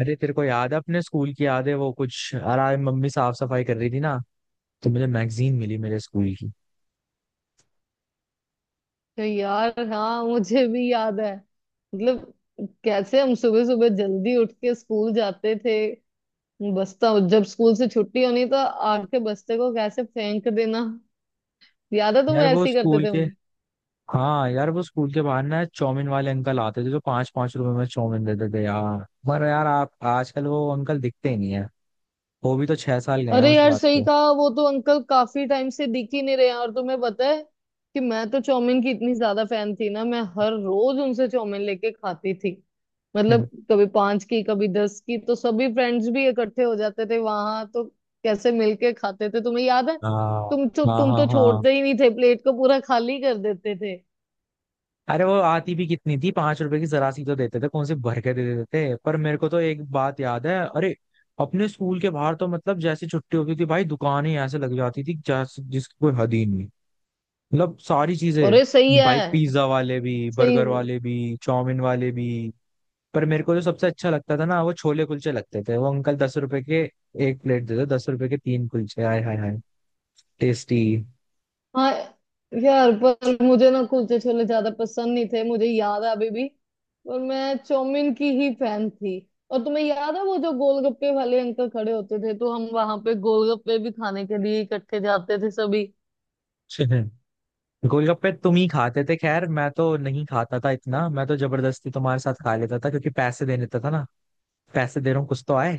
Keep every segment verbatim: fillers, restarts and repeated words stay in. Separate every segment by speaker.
Speaker 1: अरे तेरे को याद है? अपने स्कूल की याद है वो कुछ? यार आज मम्मी साफ सफाई कर रही थी ना, तो मुझे मैगजीन मिली मेरे स्कूल की।
Speaker 2: तो यार, हाँ मुझे भी याद है। मतलब कैसे हम सुबह सुबह जल्दी उठ के स्कूल जाते थे। बस्ता, जब स्कूल से छुट्टी होनी तो आके बस्ते को कैसे फेंक देना, याद है तुम
Speaker 1: यार वो
Speaker 2: ऐसे ही करते
Speaker 1: स्कूल
Speaker 2: थे।
Speaker 1: के, हाँ यार वो स्कूल के बाहर ना चौमिन वाले अंकल आते थे जो पांच पांच रुपए में चौमिन देते थे यार। पर यार आप आजकल वो अंकल दिखते ही नहीं है। वो भी तो छह साल गए हैं
Speaker 2: अरे
Speaker 1: उस
Speaker 2: यार,
Speaker 1: बात
Speaker 2: सही
Speaker 1: को।
Speaker 2: कहा। वो तो अंकल काफी टाइम से दिख ही नहीं रहे हैं। और तुम्हें पता है कि मैं तो चाउमीन की इतनी ज्यादा फैन थी ना, मैं हर रोज उनसे चाउमीन लेके खाती थी। मतलब कभी पांच की, कभी दस की, तो सभी फ्रेंड्स भी इकट्ठे हो जाते थे वहां। तो कैसे मिलके खाते थे, तुम्हें याद है?
Speaker 1: हाँ
Speaker 2: तुम तो
Speaker 1: हाँ
Speaker 2: तुम
Speaker 1: हाँ
Speaker 2: तो
Speaker 1: हाँ।
Speaker 2: छोड़ते ही नहीं थे, प्लेट को पूरा खाली कर देते थे।
Speaker 1: अरे वो आती भी कितनी थी, पांच रुपए की जरा सी तो देते थे, कौन से भर के दे देते थे। पर मेरे को तो एक बात याद है, अरे अपने स्कूल के बाहर तो मतलब जैसे छुट्टी होती थी भाई, दुकानें ऐसे लग जाती थी जैसे जिसकी कोई हद ही नहीं। मतलब सारी चीजें,
Speaker 2: अरे सही
Speaker 1: भाई
Speaker 2: है।
Speaker 1: पिज्जा वाले भी,
Speaker 2: सही।
Speaker 1: बर्गर वाले भी, चाउमीन वाले भी। पर मेरे को जो सबसे अच्छा लगता था ना वो छोले कुलचे लगते थे। वो अंकल दस रुपए के एक प्लेट देते, दस रुपए के तीन कुलचे, हाय हाय हाय टेस्टी।
Speaker 2: हाँ यार, पर मुझे ना कुलचे छोले ज्यादा पसंद नहीं थे, मुझे याद है अभी भी। और मैं चौमिन की ही फैन थी। और तुम्हें याद है वो जो गोलगप्पे वाले अंकल खड़े होते थे, तो हम वहां पे गोलगप्पे भी खाने के लिए इकट्ठे जाते थे सभी।
Speaker 1: गोलगप्पे तुम ही खाते थे, खैर मैं तो नहीं खाता था इतना, मैं तो जबरदस्ती तुम्हारे साथ खा लेता था क्योंकि पैसे दे देता था ना। पैसे दे रहा हूँ कुछ तो आए।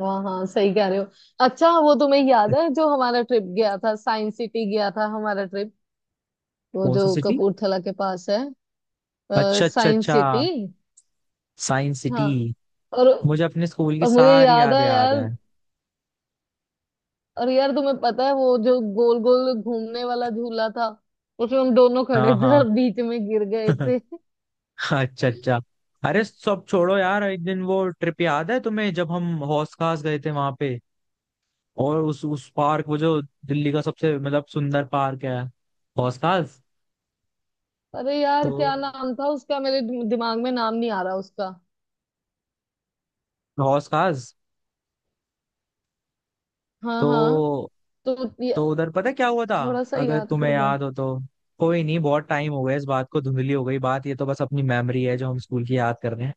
Speaker 2: हाँ हाँ, सही कह रहे हो। अच्छा, वो तुम्हें याद है जो हमारा ट्रिप गया था, साइंस सिटी गया था हमारा ट्रिप, वो
Speaker 1: कौन
Speaker 2: जो
Speaker 1: सी सिटी?
Speaker 2: कपूरथला के पास है।
Speaker 1: अच्छा अच्छा
Speaker 2: साइंस
Speaker 1: अच्छा,
Speaker 2: सिटी।
Speaker 1: Science city.
Speaker 2: हाँ। और
Speaker 1: मुझे अपने स्कूल की
Speaker 2: और मुझे
Speaker 1: सारी
Speaker 2: याद है
Speaker 1: यादें याद
Speaker 2: यार।
Speaker 1: हैं।
Speaker 2: और यार, तुम्हें पता है वो जो गोल गोल घूमने वाला झूला था, उसमें हम दोनों खड़े
Speaker 1: हाँ
Speaker 2: थे
Speaker 1: हाँ।
Speaker 2: और बीच में गिर गए थे।
Speaker 1: अच्छा अच्छा। अरे सब छोड़ो यार, एक दिन वो ट्रिप याद है तुम्हें जब हम हौस खास गए थे वहां पे, और उस उस पार्क, वो जो दिल्ली का सबसे मतलब सुंदर पार्क है, हौस खास।
Speaker 2: अरे
Speaker 1: तो
Speaker 2: यार, क्या नाम था उसका, मेरे दिम- दिमाग में नाम नहीं आ रहा उसका।
Speaker 1: हौस खास।
Speaker 2: हाँ हाँ।
Speaker 1: तो
Speaker 2: तो ये-
Speaker 1: तो उधर पता है क्या हुआ था?
Speaker 2: थोड़ा सा
Speaker 1: अगर
Speaker 2: याद
Speaker 1: तुम्हें
Speaker 2: करवा।
Speaker 1: याद हो तो। कोई नहीं, बहुत टाइम हो गया इस बात को, धुंधली हो गई बात, ये तो बस अपनी मेमोरी है जो हम स्कूल की याद कर रहे हैं।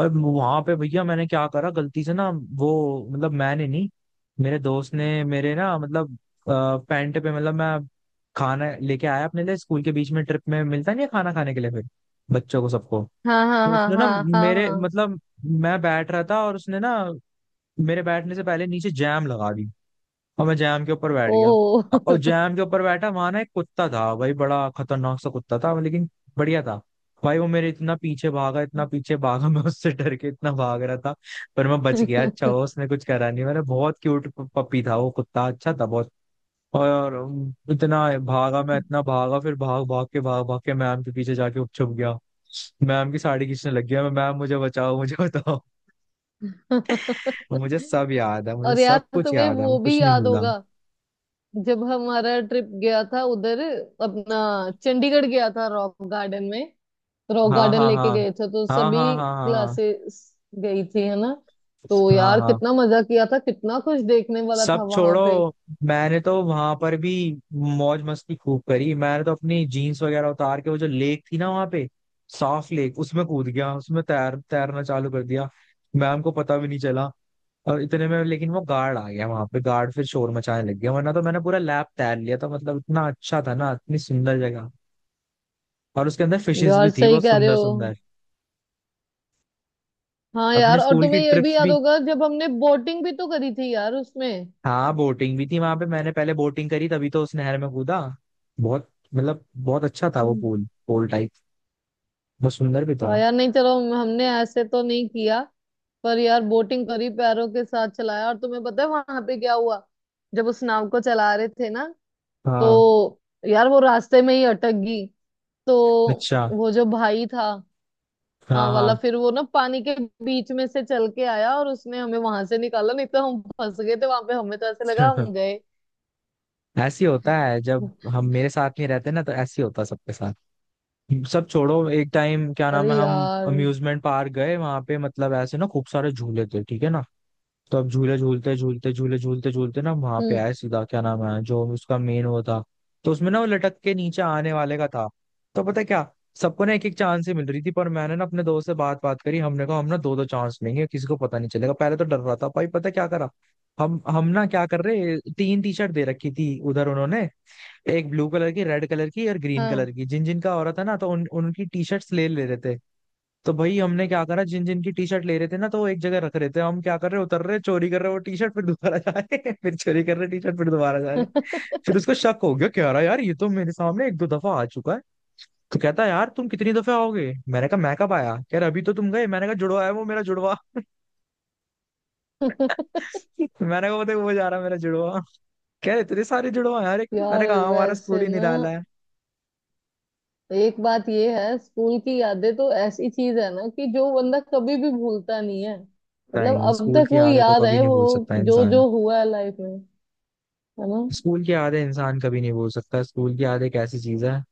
Speaker 1: और वहां पे भैया मैंने क्या करा गलती से ना, वो मतलब मैंने नहीं, मेरे दोस्त ने मेरे ना, मतलब पैंट पे, मतलब मैं खाना लेके आया अपने लिए स्कूल के, बीच में ट्रिप में मिलता नहीं है खाना खाने के लिए फिर बच्चों को, सबको।
Speaker 2: हाँ हाँ
Speaker 1: तो
Speaker 2: हाँ
Speaker 1: उसने ना
Speaker 2: हाँ हाँ
Speaker 1: मेरे,
Speaker 2: हाँ।
Speaker 1: मतलब मैं बैठ रहा था और उसने ना मेरे बैठने से पहले नीचे जैम लगा दी, और मैं जैम के ऊपर बैठ गया।
Speaker 2: ओ।
Speaker 1: और जैम के ऊपर बैठा, वहां ना एक कुत्ता था भाई, बड़ा खतरनाक सा कुत्ता था, लेकिन बढ़िया था। भाई वो मेरे इतना पीछे भागा, इतना पीछे भागा मैं उससे डर के इतना भाग रहा था, पर मैं बच गया। अच्छा हो उसने कुछ करा नहीं, मैंने बहुत क्यूट पपी था वो कुत्ता, अच्छा था बहुत। और अम, इतना भागा मैं, इतना भागा, फिर भाग भाग के, भाग भाग के मैम के पीछे जाके छुप गया। मैम की साड़ी खींचने लग गया, मैं, मैम मुझे बचाओ, मुझे बताओ। मुझे सब याद है, मुझे
Speaker 2: और यार,
Speaker 1: सब कुछ
Speaker 2: तुम्हें
Speaker 1: याद है, मैं
Speaker 2: वो
Speaker 1: कुछ
Speaker 2: भी
Speaker 1: नहीं
Speaker 2: याद
Speaker 1: भूला।
Speaker 2: होगा जब हमारा ट्रिप गया था उधर, अपना चंडीगढ़ गया था, रॉक गार्डन में। रॉक
Speaker 1: हाँ
Speaker 2: गार्डन
Speaker 1: हाँ हाँ।
Speaker 2: लेके गए थे तो
Speaker 1: हाँ
Speaker 2: सभी
Speaker 1: हाँ हाँ। हाँ
Speaker 2: क्लासेस गई थी, है ना? तो
Speaker 1: हाँ हाँ
Speaker 2: यार,
Speaker 1: हाँ।
Speaker 2: कितना मजा किया था, कितना कुछ देखने वाला
Speaker 1: सब
Speaker 2: था वहां
Speaker 1: छोड़ो,
Speaker 2: पे।
Speaker 1: मैंने तो वहां पर भी मौज मस्ती खूब करी। मैंने तो अपनी जीन्स वगैरह उतार के, वो जो लेक थी ना वहां पे, साफ लेक, उसमें कूद गया, उसमें तैर, तैरना चालू कर दिया। मैम को पता भी नहीं चला। और इतने में लेकिन वो गार्ड आ गया वहां पे, गार्ड फिर शोर मचाने लग गया, वरना तो मैंने पूरा लैब तैर लिया था। मतलब इतना अच्छा था ना, इतनी सुंदर जगह, और उसके अंदर फिशेस भी
Speaker 2: यार,
Speaker 1: थी
Speaker 2: सही
Speaker 1: बहुत
Speaker 2: कह रहे
Speaker 1: सुंदर
Speaker 2: हो।
Speaker 1: सुंदर।
Speaker 2: हाँ यार,
Speaker 1: अपने
Speaker 2: और
Speaker 1: स्कूल की
Speaker 2: तुम्हें ये भी
Speaker 1: ट्रिप्स
Speaker 2: याद
Speaker 1: भी,
Speaker 2: होगा जब हमने बोटिंग भी तो करी थी यार उसमें।
Speaker 1: हाँ बोटिंग भी थी वहां पे, मैंने पहले बोटिंग करी, तभी तो उस नहर में कूदा। बहुत मतलब बहुत अच्छा था वो
Speaker 2: हम्म।
Speaker 1: पूल पूल टाइप, बहुत सुंदर भी था।
Speaker 2: तो यार, नहीं चलो, हम- हमने ऐसे तो नहीं किया। पर यार, बोटिंग करी, पैरों के साथ चलाया। और तुम्हें पता है वहां पे क्या हुआ, जब उस नाव को चला रहे थे ना, तो
Speaker 1: हाँ।
Speaker 2: यार वो रास्ते में ही अटक गई। तो
Speaker 1: अच्छा।
Speaker 2: वो जो भाई था, हाँ
Speaker 1: हाँ
Speaker 2: वाला,
Speaker 1: हाँ।
Speaker 2: फिर वो ना पानी के बीच में से चल के आया और उसने हमें वहां से निकाला, नहीं तो हम फंस गए थे वहां पे। हमें तो ऐसे लगा हम गए।
Speaker 1: ऐसी होता है जब हम, मेरे साथ नहीं रहते ना तो ऐसी होता है सबके साथ। सब छोड़ो, एक टाइम क्या नाम
Speaker 2: अरे
Speaker 1: है हम
Speaker 2: यार।
Speaker 1: अम्यूजमेंट पार्क गए वहां पे, मतलब ऐसे ना खूब सारे झूले थे, ठीक है ना? तो अब झूले झूलते झूलते, झूले झूलते झूलते ना वहां पे
Speaker 2: हम्म।
Speaker 1: आए सीधा क्या नाम है जो उसका मेन वो था, तो उसमें ना वो लटक के नीचे आने वाले का था। तो पता है क्या, सबको ना एक एक चांस ही मिल रही थी, पर मैंने ना अपने दोस्त से बात बात करी, हमने कहा हम ना दो दो चांस लेंगे, किसी को पता नहीं चलेगा। पहले तो डर रहा था भाई, पता है क्या करा, हम हम ना क्या कर रहे, तीन टी शर्ट दे रखी थी उधर उन्होंने, एक ब्लू कलर की, रेड कलर की, और ग्रीन कलर
Speaker 2: हाँ।
Speaker 1: की, जिन जिन का हो रहा था ना तो उन उनकी टी शर्ट्स ले ले रहे थे। तो भाई हमने क्या करा, जिन जिन की टी शर्ट ले रहे थे ना तो वो एक जगह रख रहे थे, हम क्या कर रहे उतर रहे, चोरी कर रहे वो टी शर्ट, फिर दोबारा जा रहे। फिर चोरी कर रहे टी शर्ट, फिर दोबारा जा रहे। फिर उसको शक हो गया, कह रहा यार ये तो मेरे सामने एक दो दफा आ चुका है। तो कहता है यार तुम कितनी दफे आओगे, मैंने कहा मैं कब आया, कह रहा अभी तो तुम गए, मैंने कहा जुड़वा है वो, मेरा जुड़वा। मैंने कहा बताए वो जा रहा है, मेरा जुड़वा। कह रहे इतने सारे जुड़वा हैं यार, एक, मैंने
Speaker 2: यार,
Speaker 1: कहा हाँ, हमारा स्कूल
Speaker 2: वैसे
Speaker 1: ही
Speaker 2: ना,
Speaker 1: निराला है।
Speaker 2: एक बात ये है, स्कूल की यादें तो ऐसी चीज है ना कि जो बंदा कभी भी भूलता नहीं है। मतलब
Speaker 1: नहीं,
Speaker 2: अब
Speaker 1: स्कूल
Speaker 2: तक
Speaker 1: की
Speaker 2: वो
Speaker 1: यादें तो
Speaker 2: याद
Speaker 1: कभी
Speaker 2: है,
Speaker 1: नहीं
Speaker 2: वो
Speaker 1: भूल सकता
Speaker 2: जो
Speaker 1: इंसान।
Speaker 2: जो हुआ है लाइफ में, है ना।
Speaker 1: स्कूल की यादें इंसान कभी नहीं भूल सकता, स्कूल की याद एक ऐसी चीज है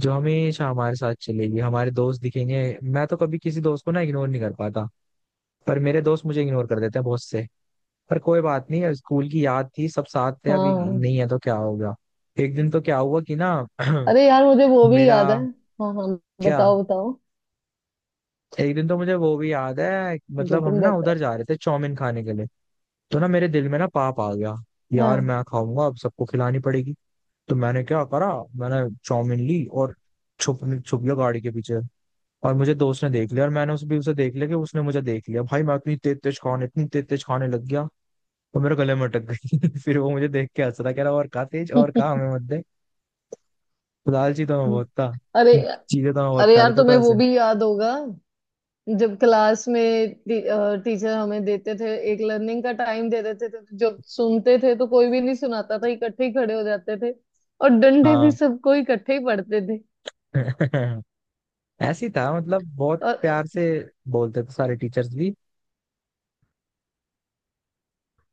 Speaker 1: जो हमेशा हमारे साथ चलेगी। हमारे दोस्त दिखेंगे, मैं तो कभी किसी दोस्त को ना इग्नोर नहीं कर पाता, पर मेरे दोस्त मुझे इग्नोर कर देते हैं बहुत से। पर कोई बात नहीं, स्कूल की याद थी, सब साथ थे, अभी
Speaker 2: हाँ।
Speaker 1: नहीं है तो क्या होगा। एक दिन तो क्या हुआ कि ना
Speaker 2: अरे यार, मुझे वो भी
Speaker 1: मेरा।
Speaker 2: याद है। हाँ हाँ,
Speaker 1: क्या?
Speaker 2: बताओ बताओ,
Speaker 1: एक दिन तो मुझे वो भी याद है,
Speaker 2: जो
Speaker 1: मतलब हम
Speaker 2: तुम
Speaker 1: ना
Speaker 2: बता।
Speaker 1: उधर जा रहे थे चाउमीन खाने के लिए, तो ना मेरे दिल में ना पाप आ गया, यार
Speaker 2: हाँ।
Speaker 1: मैं खाऊंगा अब, सबको खिलानी पड़ेगी। तो मैंने क्या करा, मैंने चाउमीन ली और छुप, छुप गया गाड़ी के पीछे। और मुझे दोस्त ने देख लिया, और मैंने उस भी उसे देख लिया कि उसने मुझे देख लिया। भाई मैं इतनी तेज तेज खाने, इतनी तेज तेज खाने लग गया, तो मेरे गले में अटक गई। फिर वो मुझे देख के हंस रहा, कह रहा और खा तेज, और खा, हमें मत दे। तो लालची तो मैं बहुत था,
Speaker 2: अरे।
Speaker 1: चीजें तो मैं बहुत
Speaker 2: अरे
Speaker 1: खा
Speaker 2: यार,
Speaker 1: लेता
Speaker 2: तुम्हें
Speaker 1: था
Speaker 2: वो
Speaker 1: ऐसे।
Speaker 2: भी याद होगा जब क्लास में टी, अ, टीचर हमें देते थे, एक लर्निंग का टाइम दे देते थे, तो जब सुनते थे तो कोई भी नहीं सुनाता था, इकट्ठे ही खड़े हो जाते थे। और डंडे भी
Speaker 1: हाँ।
Speaker 2: सबको इकट्ठे ही पड़ते थे।
Speaker 1: ऐसी था, मतलब बहुत
Speaker 2: और
Speaker 1: प्यार से बोलते थे सारे टीचर्स भी।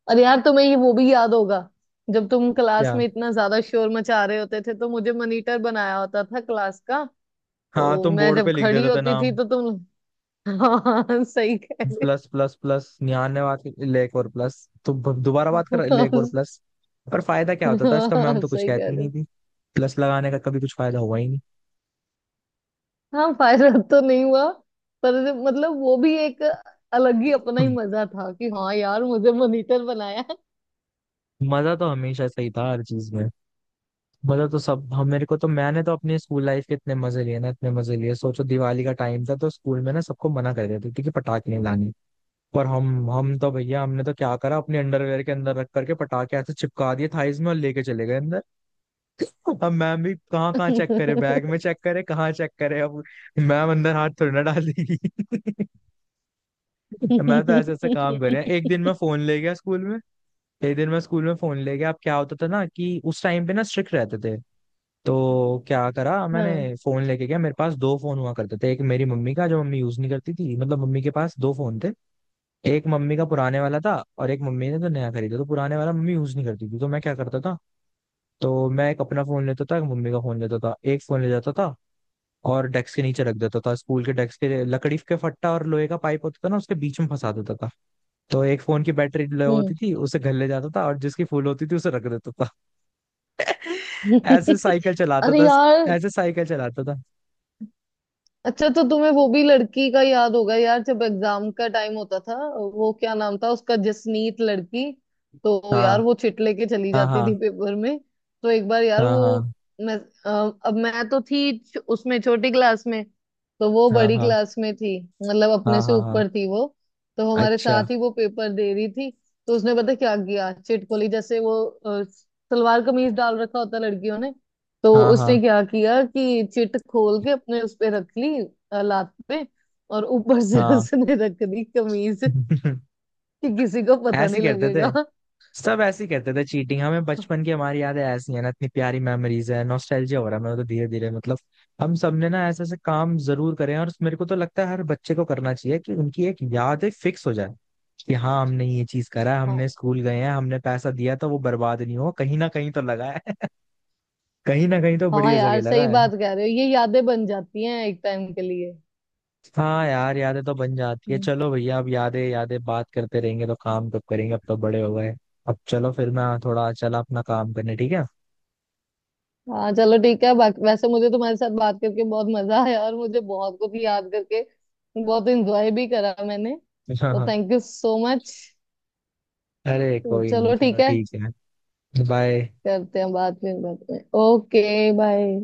Speaker 2: अरे यार, तुम्हें ये वो भी याद होगा जब तुम क्लास
Speaker 1: क्या?
Speaker 2: में इतना ज्यादा शोर मचा रहे होते थे तो मुझे मॉनिटर बनाया होता था क्लास का।
Speaker 1: हाँ
Speaker 2: तो
Speaker 1: तुम
Speaker 2: मैं
Speaker 1: बोर्ड पे
Speaker 2: जब
Speaker 1: लिख
Speaker 2: खड़ी
Speaker 1: देते थे
Speaker 2: होती थी
Speaker 1: नाम,
Speaker 2: तो तुम… हाँ सही कह रहे
Speaker 1: प्लस प्लस प्लस निहान ने बात की लेक और प्लस। तो ब- दोबारा बात कर लेक और
Speaker 2: हो।
Speaker 1: प्लस। पर फायदा क्या होता था इसका, मैम
Speaker 2: हाँ
Speaker 1: तो कुछ
Speaker 2: सही कह
Speaker 1: कहती ही
Speaker 2: रहे
Speaker 1: नहीं
Speaker 2: हो।
Speaker 1: थी। प्लस लगाने का कभी कुछ फायदा हुआ ही नहीं।
Speaker 2: हाँ, फायदा तो नहीं हुआ। पर मतलब वो भी एक अलग ही अपना ही
Speaker 1: हम्म।
Speaker 2: मजा था कि हाँ यार, मुझे मॉनिटर बनाया।
Speaker 1: मजा तो हमेशा सही था हर चीज में। मजा तो सब हम, मेरे को तो, मैंने तो अपने स्कूल लाइफ के इतने मजे लिए ना, इतने मजे लिए। सोचो दिवाली का टाइम था तो स्कूल में ना सबको मना कर देते थे कि पटाखे नहीं लाने, पर हम हम तो भैया, हमने तो क्या करा अपने अंडरवेयर के अंदर रख करके पटाखे, ऐसे चिपका दिए थाईज में और लेके चले गए अंदर। अब मैम भी कहाँ कहाँ चेक करे, बैग में चेक करे, कहाँ चेक करे अब, मैम अंदर हाथ थोड़ी ना डाल देगी। मैं तो ऐसे ऐसे काम कर रहे हैं। एक दिन मैं फोन ले गया स्कूल में, एक दिन मैं स्कूल में फोन ले गया। अब क्या होता था ना कि उस टाइम पे ना स्ट्रिक्ट रहते थे, तो क्या करा मैंने,
Speaker 2: हाँ।
Speaker 1: फोन लेके गया। मेरे पास दो फोन हुआ करते थे, एक मेरी मम्मी का जो मम्मी यूज नहीं करती थी, मतलब मम्मी के पास दो फोन थे, एक मम्मी का पुराने वाला था, और एक मम्मी ने तो नया खरीदा, तो पुराने वाला मम्मी यूज नहीं करती थी। तो मैं क्या करता था, तो मैं एक अपना फोन लेता था, एक मम्मी का फोन लेता था, एक फोन ले जाता था और डेस्क के नीचे रख देता था, स्कूल के डेस्क के लकड़ी के फट्टा और लोहे का पाइप होता था ना उसके बीच में फंसा देता था। तो एक फोन की बैटरी लो होती
Speaker 2: हम्म।
Speaker 1: थी उसे घर ले जाता था, और जिसकी फुल होती थी उसे रख देता था। ऐसे साइकिल चलाता
Speaker 2: अरे
Speaker 1: था,
Speaker 2: यार।
Speaker 1: ऐसे साइकिल चलाता था।
Speaker 2: अच्छा, तो तुम्हें वो भी लड़की का याद होगा यार, जब एग्जाम का टाइम होता था, वो क्या नाम था उसका, जसनीत लड़की। तो यार,
Speaker 1: हाँ
Speaker 2: वो चिट लेके चली
Speaker 1: हाँ
Speaker 2: जाती
Speaker 1: हाँ।
Speaker 2: थी पेपर में। तो एक बार यार
Speaker 1: हाँ
Speaker 2: वो,
Speaker 1: हाँ
Speaker 2: मैं अ, अब मैं तो थी छ- उसमें छोटी क्लास में, तो वो
Speaker 1: हाँ
Speaker 2: बड़ी
Speaker 1: हाँ।
Speaker 2: क्लास में थी, मतलब
Speaker 1: हाँ
Speaker 2: अपने से
Speaker 1: हाँ हाँ।
Speaker 2: ऊपर थी वो। तो हमारे
Speaker 1: अच्छा।
Speaker 2: साथ ही वो पेपर दे रही थी। तो उसने पता क्या किया, चिट खोली, जैसे वो अ, सलवार कमीज डाल रखा होता लड़कियों ने, तो
Speaker 1: हाँ
Speaker 2: उसने
Speaker 1: हाँ
Speaker 2: क्या किया कि चिट खोल के अपने उस पे रख ली, अ, लात पे, और ऊपर से
Speaker 1: हाँ।
Speaker 2: उसने रख दी कमीज, कि किसी को पता
Speaker 1: ऐसे
Speaker 2: नहीं
Speaker 1: ही करते थे,
Speaker 2: लगेगा।
Speaker 1: सब ऐसे ही कहते थे चीटिंग। हमें बचपन की, हमारी यादें ऐसी हैं ना, इतनी प्यारी मेमोरीज है, नॉस्टैल्जिया हो रहा है मेरे को तो धीरे धीरे। मतलब हम सबने ना ऐसे ऐसे काम जरूर करें, और मेरे को तो लगता है हर बच्चे को करना चाहिए कि उनकी एक याद फिक्स हो जाए कि हाँ हमने ये चीज करा है, हमने
Speaker 2: हाँ।
Speaker 1: स्कूल गए हैं, हमने पैसा दिया तो वो बर्बाद नहीं हो, कहीं ना कहीं तो लगा है। कहीं ना कहीं तो
Speaker 2: हाँ
Speaker 1: बढ़िया जगह
Speaker 2: यार,
Speaker 1: लगा
Speaker 2: सही
Speaker 1: है।
Speaker 2: बात कह रहे हो, ये यादें बन जाती हैं एक टाइम के लिए।
Speaker 1: हाँ यार यादें तो बन जाती है।
Speaker 2: हम्म।
Speaker 1: चलो भैया अब यादें यादें बात करते रहेंगे तो काम कब करेंगे, अब तो बड़े हो गए। अब चलो फिर मैं थोड़ा चला अपना काम करने, ठीक
Speaker 2: हाँ चलो ठीक है। बाकी वैसे मुझे तुम्हारे साथ बात करके बहुत मजा आया, और मुझे बहुत कुछ याद करके बहुत एंजॉय भी करा मैंने, तो
Speaker 1: है?
Speaker 2: Thank you so much.
Speaker 1: अरे
Speaker 2: तो
Speaker 1: कोई नहीं,
Speaker 2: चलो
Speaker 1: चलो
Speaker 2: ठीक है,
Speaker 1: ठीक है। बाय।
Speaker 2: करते हैं बाद में बात में। Okay, bye.